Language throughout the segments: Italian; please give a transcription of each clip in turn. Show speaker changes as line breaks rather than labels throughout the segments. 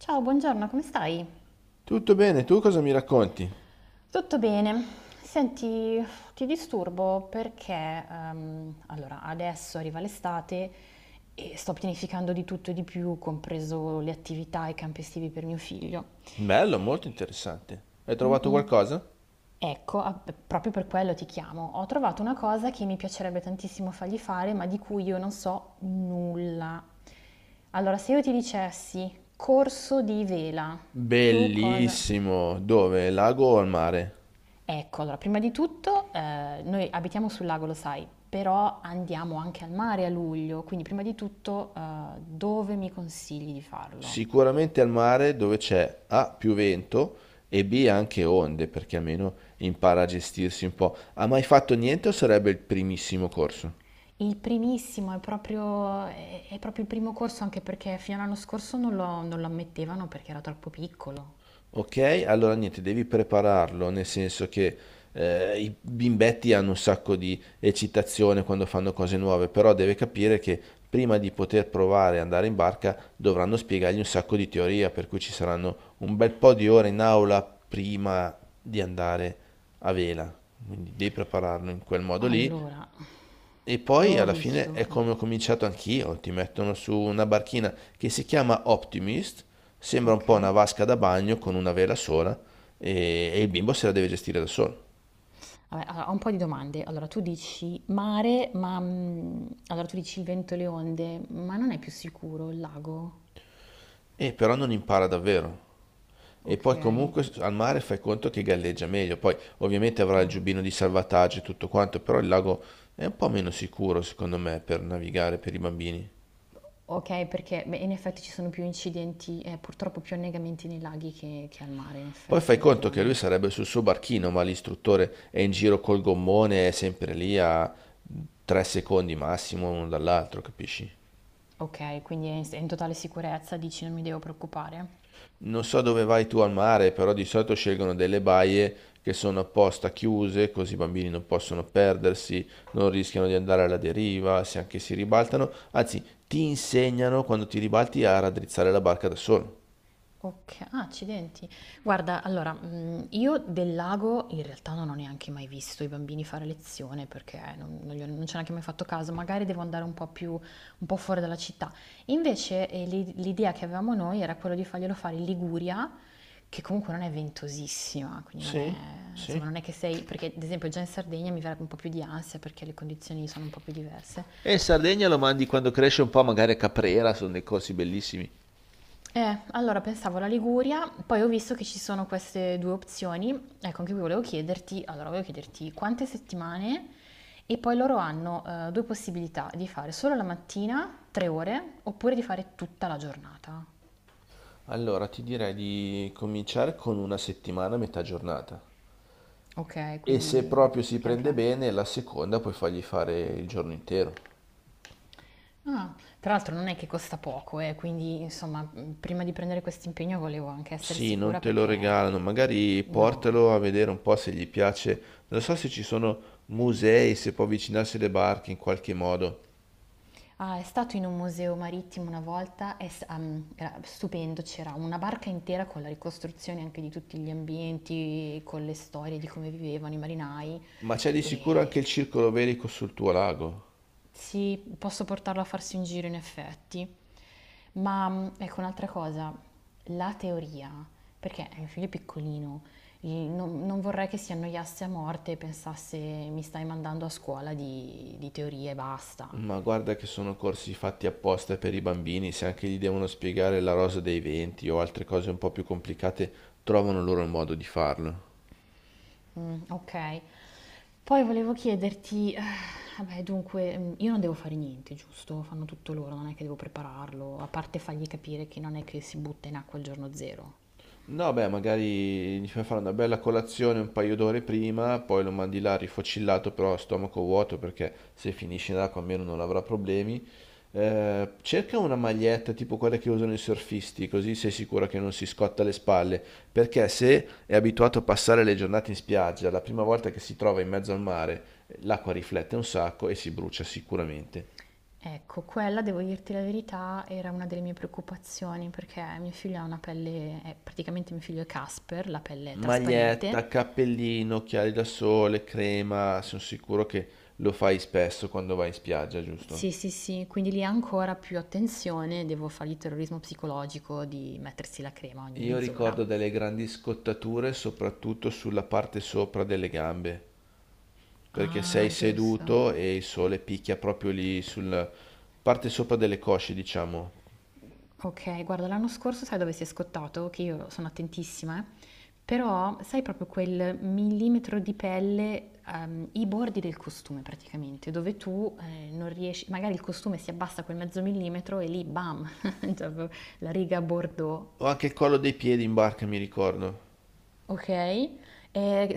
Ciao, buongiorno, come stai?
Tutto bene, tu cosa mi racconti?
Tutto bene. Senti, ti disturbo perché allora, adesso arriva l'estate e sto pianificando di tutto e di più, compreso le attività e i campi estivi per mio figlio.
Bello, molto interessante. Hai
Mm,
trovato
mm.
qualcosa?
Ecco, proprio per quello ti chiamo. Ho trovato una cosa che mi piacerebbe tantissimo fargli fare, ma di cui io non so nulla. Allora, se io ti dicessi corso di vela, tu cosa?
Bellissimo. Dove? Lago o al mare?
Ecco, allora, prima di tutto, noi abitiamo sul lago, lo sai, però andiamo anche al mare a luglio, quindi prima di tutto, dove mi consigli di farlo?
Sicuramente al mare dove c'è A più vento e B anche onde, perché almeno impara a gestirsi un po'. Ha mai fatto niente o sarebbe il primissimo corso?
Il primissimo è proprio è proprio il primo corso, anche perché fino all'anno scorso non lo ammettevano perché era troppo piccolo.
Ok, allora niente, devi prepararlo, nel senso che i bimbetti hanno un sacco di eccitazione quando fanno cose nuove, però deve capire che prima di poter provare a andare in barca dovranno spiegargli un sacco di teoria, per cui ci saranno un bel po' di ore in aula prima di andare a vela. Quindi devi prepararlo in quel modo lì
Allora,
e
io
poi
ho
alla fine
visto
è come ho cominciato anch'io, ti mettono su una barchina che si chiama Optimist, sembra un po' una
okay.
vasca da bagno con una vela sola e, il bimbo se la deve gestire da solo.
Vabbè, allora, ho un po' di domande. Allora, tu dici mare, ma, mhmm, allora tu dici il vento e le onde, ma non è più sicuro il lago?
E però non impara davvero. E poi
Okay.
comunque al mare fai conto che galleggia meglio, poi ovviamente avrà
Ah,
il
va.
giubbino di salvataggio e tutto quanto, però il lago è un po' meno sicuro secondo me per navigare per i bambini.
Ok, perché beh, in effetti ci sono più incidenti e purtroppo più annegamenti nei laghi che al mare, in
Poi
effetti,
fai
hai
conto che lui
ragione.
sarebbe sul suo barchino, ma l'istruttore è in giro col gommone, è sempre lì a tre secondi massimo uno dall'altro, capisci?
Ok, quindi è è in totale sicurezza, dici non mi devo preoccupare?
Non so dove vai tu al mare, però di solito scelgono delle baie che sono apposta chiuse, così i bambini non possono perdersi, non rischiano di andare alla deriva, se anche si ribaltano, anzi, ti insegnano quando ti ribalti a raddrizzare la barca da solo.
Oka ah, accidenti. Guarda, allora, mhmm, io del lago in realtà non ho neanche mai visto i bambini fare lezione perché non gli ho non ci ho neanche mai fatto caso, magari devo andare un po' fuori dalla città. Invece, l'idea che avevamo noi era quello di farglielo fare in Liguria, che comunque non è ventosissima, quindi non è
Sì,
insomma
sì.
non è che sei perché ad esempio già in Sardegna mi verrebbe un po' più di ansia perché le condizioni sono un po' più diverse.
E in Sardegna lo mandi quando cresce un po', magari a Caprera, sono dei corsi bellissimi.
Allora pensavo alla Liguria, poi ho visto che ci sono queste due opzioni. Ecco, anche qui volevo chiederti, quante settimane e poi loro hanno due possibilità di fare solo la mattina, 3 ore, oppure di fare tutta la giornata.
Allora, ti direi di cominciare con una settimana a metà giornata
Ok,
e se
quindi
proprio si
piano
prende
piano.
bene, la seconda puoi fargli fare il giorno intero.
Ah, tra l'altro non è che costa poco, quindi insomma, prima di prendere questo impegno volevo anche essere
Sì, non
sicura
te lo
perché
regalano, magari
no.
portalo a vedere un po' se gli piace. Non so se ci sono musei, se può avvicinarsi alle barche in qualche modo,
Ah, è stato in un museo marittimo una volta, era stupendo, c'era una barca intera con la ricostruzione anche di tutti gli ambienti, con le storie di come vivevano i marinai.
ma c'è di sicuro anche
E
il circolo velico sul tuo lago.
sì, posso portarlo a farsi un giro in effetti. Ma mm, ecco un'altra cosa, la teoria, perché è un figlio è piccolino, non vorrei che si annoiasse a morte e pensasse mi stai mandando a scuola di teoria e basta.
Ma guarda che sono corsi fatti apposta per i bambini, se anche gli devono spiegare la rosa dei venti o altre cose un po' più complicate, trovano loro il modo di farlo.
Okay. Poi volevo chiederti, vabbè dunque, mhmm, io non devo fare niente, giusto? Fanno tutto loro, non è che devo prepararlo, a parte fargli capire che non è che si butta in acqua il giorno zero.
No, beh, magari gli fai fare una bella colazione un paio d'ore prima, poi lo mandi là rifocillato, però a stomaco vuoto, perché se finisce in acqua almeno non avrà problemi. Cerca una maglietta tipo quella che usano i surfisti, così sei sicuro che non si scotta le spalle, perché se è abituato a passare le giornate in spiaggia, la prima volta che si trova in mezzo al mare, l'acqua riflette un sacco e si brucia sicuramente.
Ecco, quella devo dirti la verità, era una delle mie preoccupazioni perché mio figlio ha una pelle praticamente mio figlio è Casper, la pelle è trasparente.
Maglietta, cappellino, occhiali da sole, crema, sono sicuro che lo fai spesso quando vai in spiaggia, giusto?
Sì, sì, sì, quindi lì ancora più attenzione, devo fargli terrorismo psicologico di mettersi la crema ogni
Io
mezz'ora.
ricordo delle grandi scottature soprattutto sulla parte sopra delle gambe, perché sei
Ah, giusto.
seduto e il sole picchia proprio lì sulla parte sopra delle cosce, diciamo.
Okay, guarda l'anno scorso sai dove si è scottato? Che io sono attentissima, però sai proprio quel millimetro di pelle, i bordi del costume praticamente, dove tu non riesci, magari il costume si abbassa quel mezzo millimetro e lì bam, cioè proprio la riga bordeaux.
O anche il collo dei piedi in barca, mi ricordo.
Ok, e serve-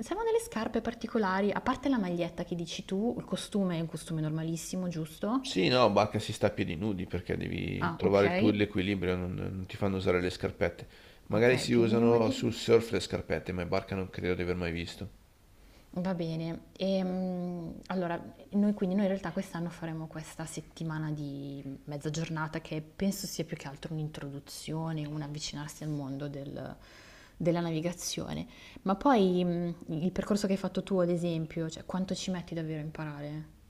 servono delle scarpe particolari, a parte la maglietta che dici tu, il costume è un costume normalissimo, giusto?
Sì, no, bacca si sta a piedi nudi perché devi
Ah, ok,
trovare il tuo l'equilibrio, non ti fanno usare le scarpette. Magari
ok,
si
più di
usano sul
nudi.
surf le scarpette, ma in barca non credo di aver mai visto.
Va bene, allora noi in realtà quest'anno faremo questa settimana di mezza giornata che penso sia più che altro un'introduzione, un avvicinarsi al mondo della navigazione, ma poi il percorso che hai fatto tu ad esempio, cioè quanto ci metti davvero a imparare?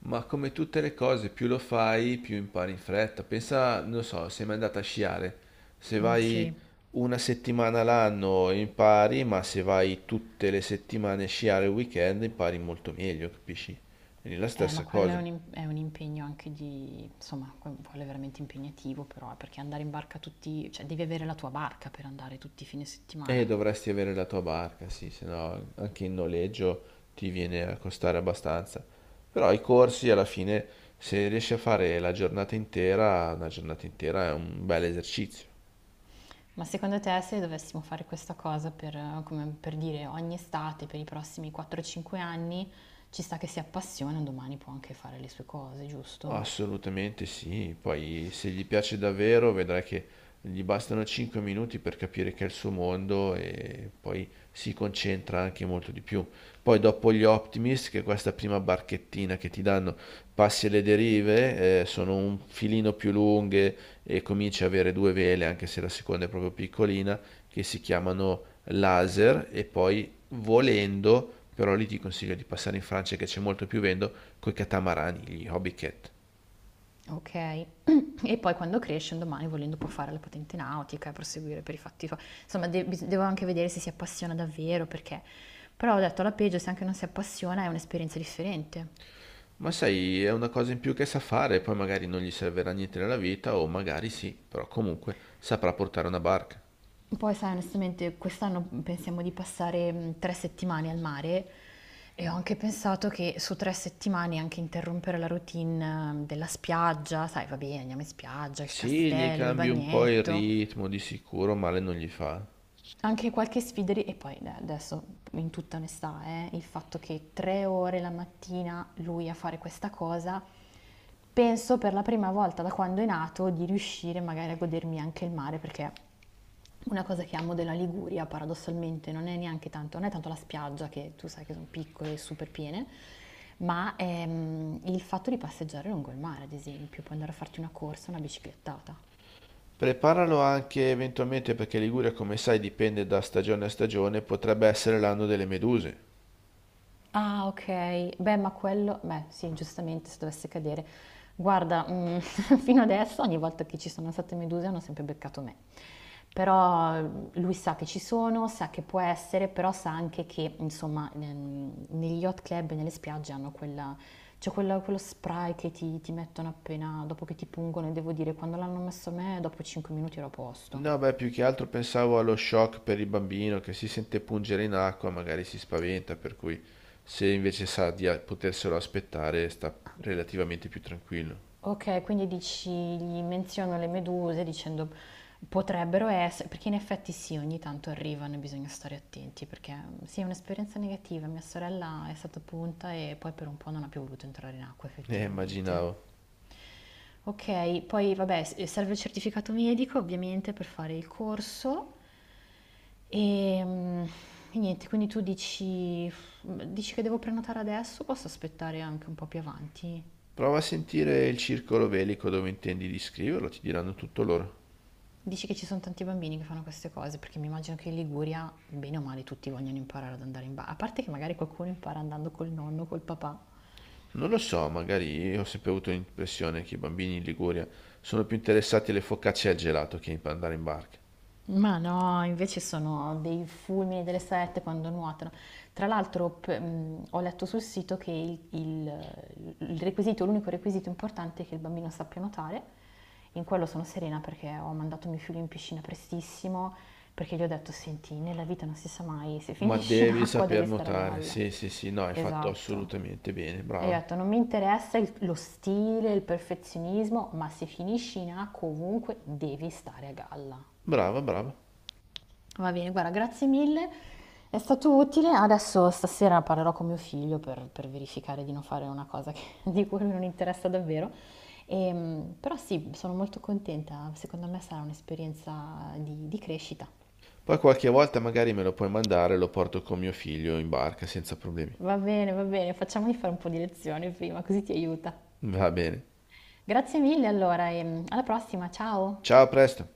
Ma come tutte le cose, più lo fai, più impari in fretta. Pensa, non so, sei mai andata a sciare. Se
Mm, sì.
vai una settimana l'anno impari, ma se vai tutte le settimane a sciare il weekend impari molto meglio, capisci? È la
Ma
stessa
quello è
cosa.
un, è un impegno anche di, insomma, quello è veramente impegnativo però, perché andare in barca tutti, cioè devi avere la tua barca per andare tutti i fine
E
settimana.
dovresti avere la tua barca, sì, se no anche in noleggio ti viene a costare abbastanza. Però i corsi alla fine, se riesci a fare la giornata intera, una giornata intera è un bel esercizio.
Ma secondo te se dovessimo fare questa cosa per, come per dire ogni estate, per i prossimi 4-5 anni, ci sta che si appassiona, un domani può anche fare le sue cose, giusto?
Assolutamente sì, poi se gli piace davvero vedrai che gli bastano 5 minuti per capire che è il suo mondo e poi si concentra anche molto di più. Poi dopo gli Optimist, che è questa prima barchettina che ti danno, passi alle derive, sono un filino più lunghe e cominci a avere due vele, anche se la seconda è proprio piccolina, che si chiamano laser e poi volendo, però lì ti consiglio di passare in Francia che c'è molto più vento, coi catamarani, gli hobby cat.
Ok, e poi quando cresce un domani volendo può fare la patente nautica e proseguire per i fatti suoi. Insomma, devo anche vedere se si appassiona davvero perché... Però ho detto alla peggio, se anche non si appassiona è un'esperienza differente.
Ma sai, è una cosa in più che sa fare, poi magari non gli servirà niente nella vita, o magari sì, però comunque saprà portare una barca.
Poi sai, onestamente, quest'anno pensiamo di passare 3 settimane al mare e ho anche pensato che su 3 settimane anche interrompere la routine della spiaggia, sai, va bene, andiamo in spiaggia, il
Sì, gli
castello, il
cambi un po' il
bagnetto,
ritmo, di sicuro male non gli fa.
anche qualche sfideri, e poi adesso in tutta onestà, il fatto che 3 ore la mattina lui a fare questa cosa, penso per la prima volta da quando è nato di riuscire magari a godermi anche il mare, perché una cosa che amo della Liguria paradossalmente non è neanche tanto, non è tanto la spiaggia, che tu sai che sono piccole e super piene, ma il fatto di passeggiare lungo il mare, ad esempio, puoi andare a farti una corsa, una biciclettata.
Preparalo anche eventualmente perché Liguria, come sai, dipende da stagione a stagione, potrebbe essere l'anno delle meduse.
Ah, okay. Beh, ma quello beh, sì, giustamente se dovesse cadere. Guarda, mhmm, fino adesso ogni volta che ci sono state meduse hanno sempre beccato me. Però, mhmm, lui sa che ci sono, sa che può essere, però sa anche che, insomma, negli yacht club e nelle spiagge hanno quella c'è quella quello spray che ti mettono appena dopo che ti pungono e devo dire, quando l'hanno messo a me dopo 5 minuti ero a posto.
No, beh, più che altro pensavo allo shock per il bambino che si sente pungere in acqua, magari si spaventa, per cui se invece sa di poterselo aspettare, sta relativamente più tranquillo.
Okay, quindi dici gli menziono le meduse dicendo potrebbero esse perché in effetti sì, ogni tanto arrivano e bisogna stare attenti perché, mhmm, sì, è un'esperienza negativa. Mia sorella è stata punta e poi per un po' non ha più voluto entrare in acqua effettivamente.
Immaginavo.
Okay, poi vabbè s serve il certificato medico ovviamente per fare il corso, ehm, e niente, quindi tu dici mm, dici che devo prenotare adesso o posso aspettare anche un po' più avanti?
Prova a sentire il circolo velico dove intendi di scriverlo, ti diranno tutto loro.
Dici che ci sono tanti bambini che fanno queste cose, perché mi immagino che in Liguria, bene o male, tutti vogliono imparare ad andare in bagno. A parte che magari qualcuno impara andando col nonno, col papà.
Non lo so, magari ho sempre avuto l'impressione che i bambini in Liguria sono più interessati alle focacce e al gelato che a andare in barca.
Ma no, invece sono dei fulmini delle sette quando nuotano. Tra l'altro, ho letto sul sito che il requisito, l'unico requisito importante è che il bambino sappia nuotare. In quello sono serena perché ho mandato mio figlio in piscina prestissimo, perché gli ho detto, senti, nella vita non si sa mai, se
Ma
finisci in
devi
acqua
saper
devi stare a
nuotare,
galla.
sì, sì, sì, no, hai fatto
Esatto.
assolutamente bene,
E gli ho
brava,
detto, non mi interessa lo stile, il perfezionismo, ma se finisci in acqua ovunque devi stare a galla.
brava, brava.
Va bene, guarda, grazie mille. È stato utile. Adesso stasera parlerò con mio figlio per verificare di non fare una cosa di cui lui non interessa davvero. Però sì, sono molto contenta. Secondo me sarà un'esperienza di crescita.
Poi qualche volta magari me lo puoi mandare e lo porto con mio figlio in barca senza problemi.
Va bene, facciamogli fare un po' di lezioni prima, così ti aiuta.
Va bene.
Grazie mille allora e alla prossima, ciao!
Ciao, a presto.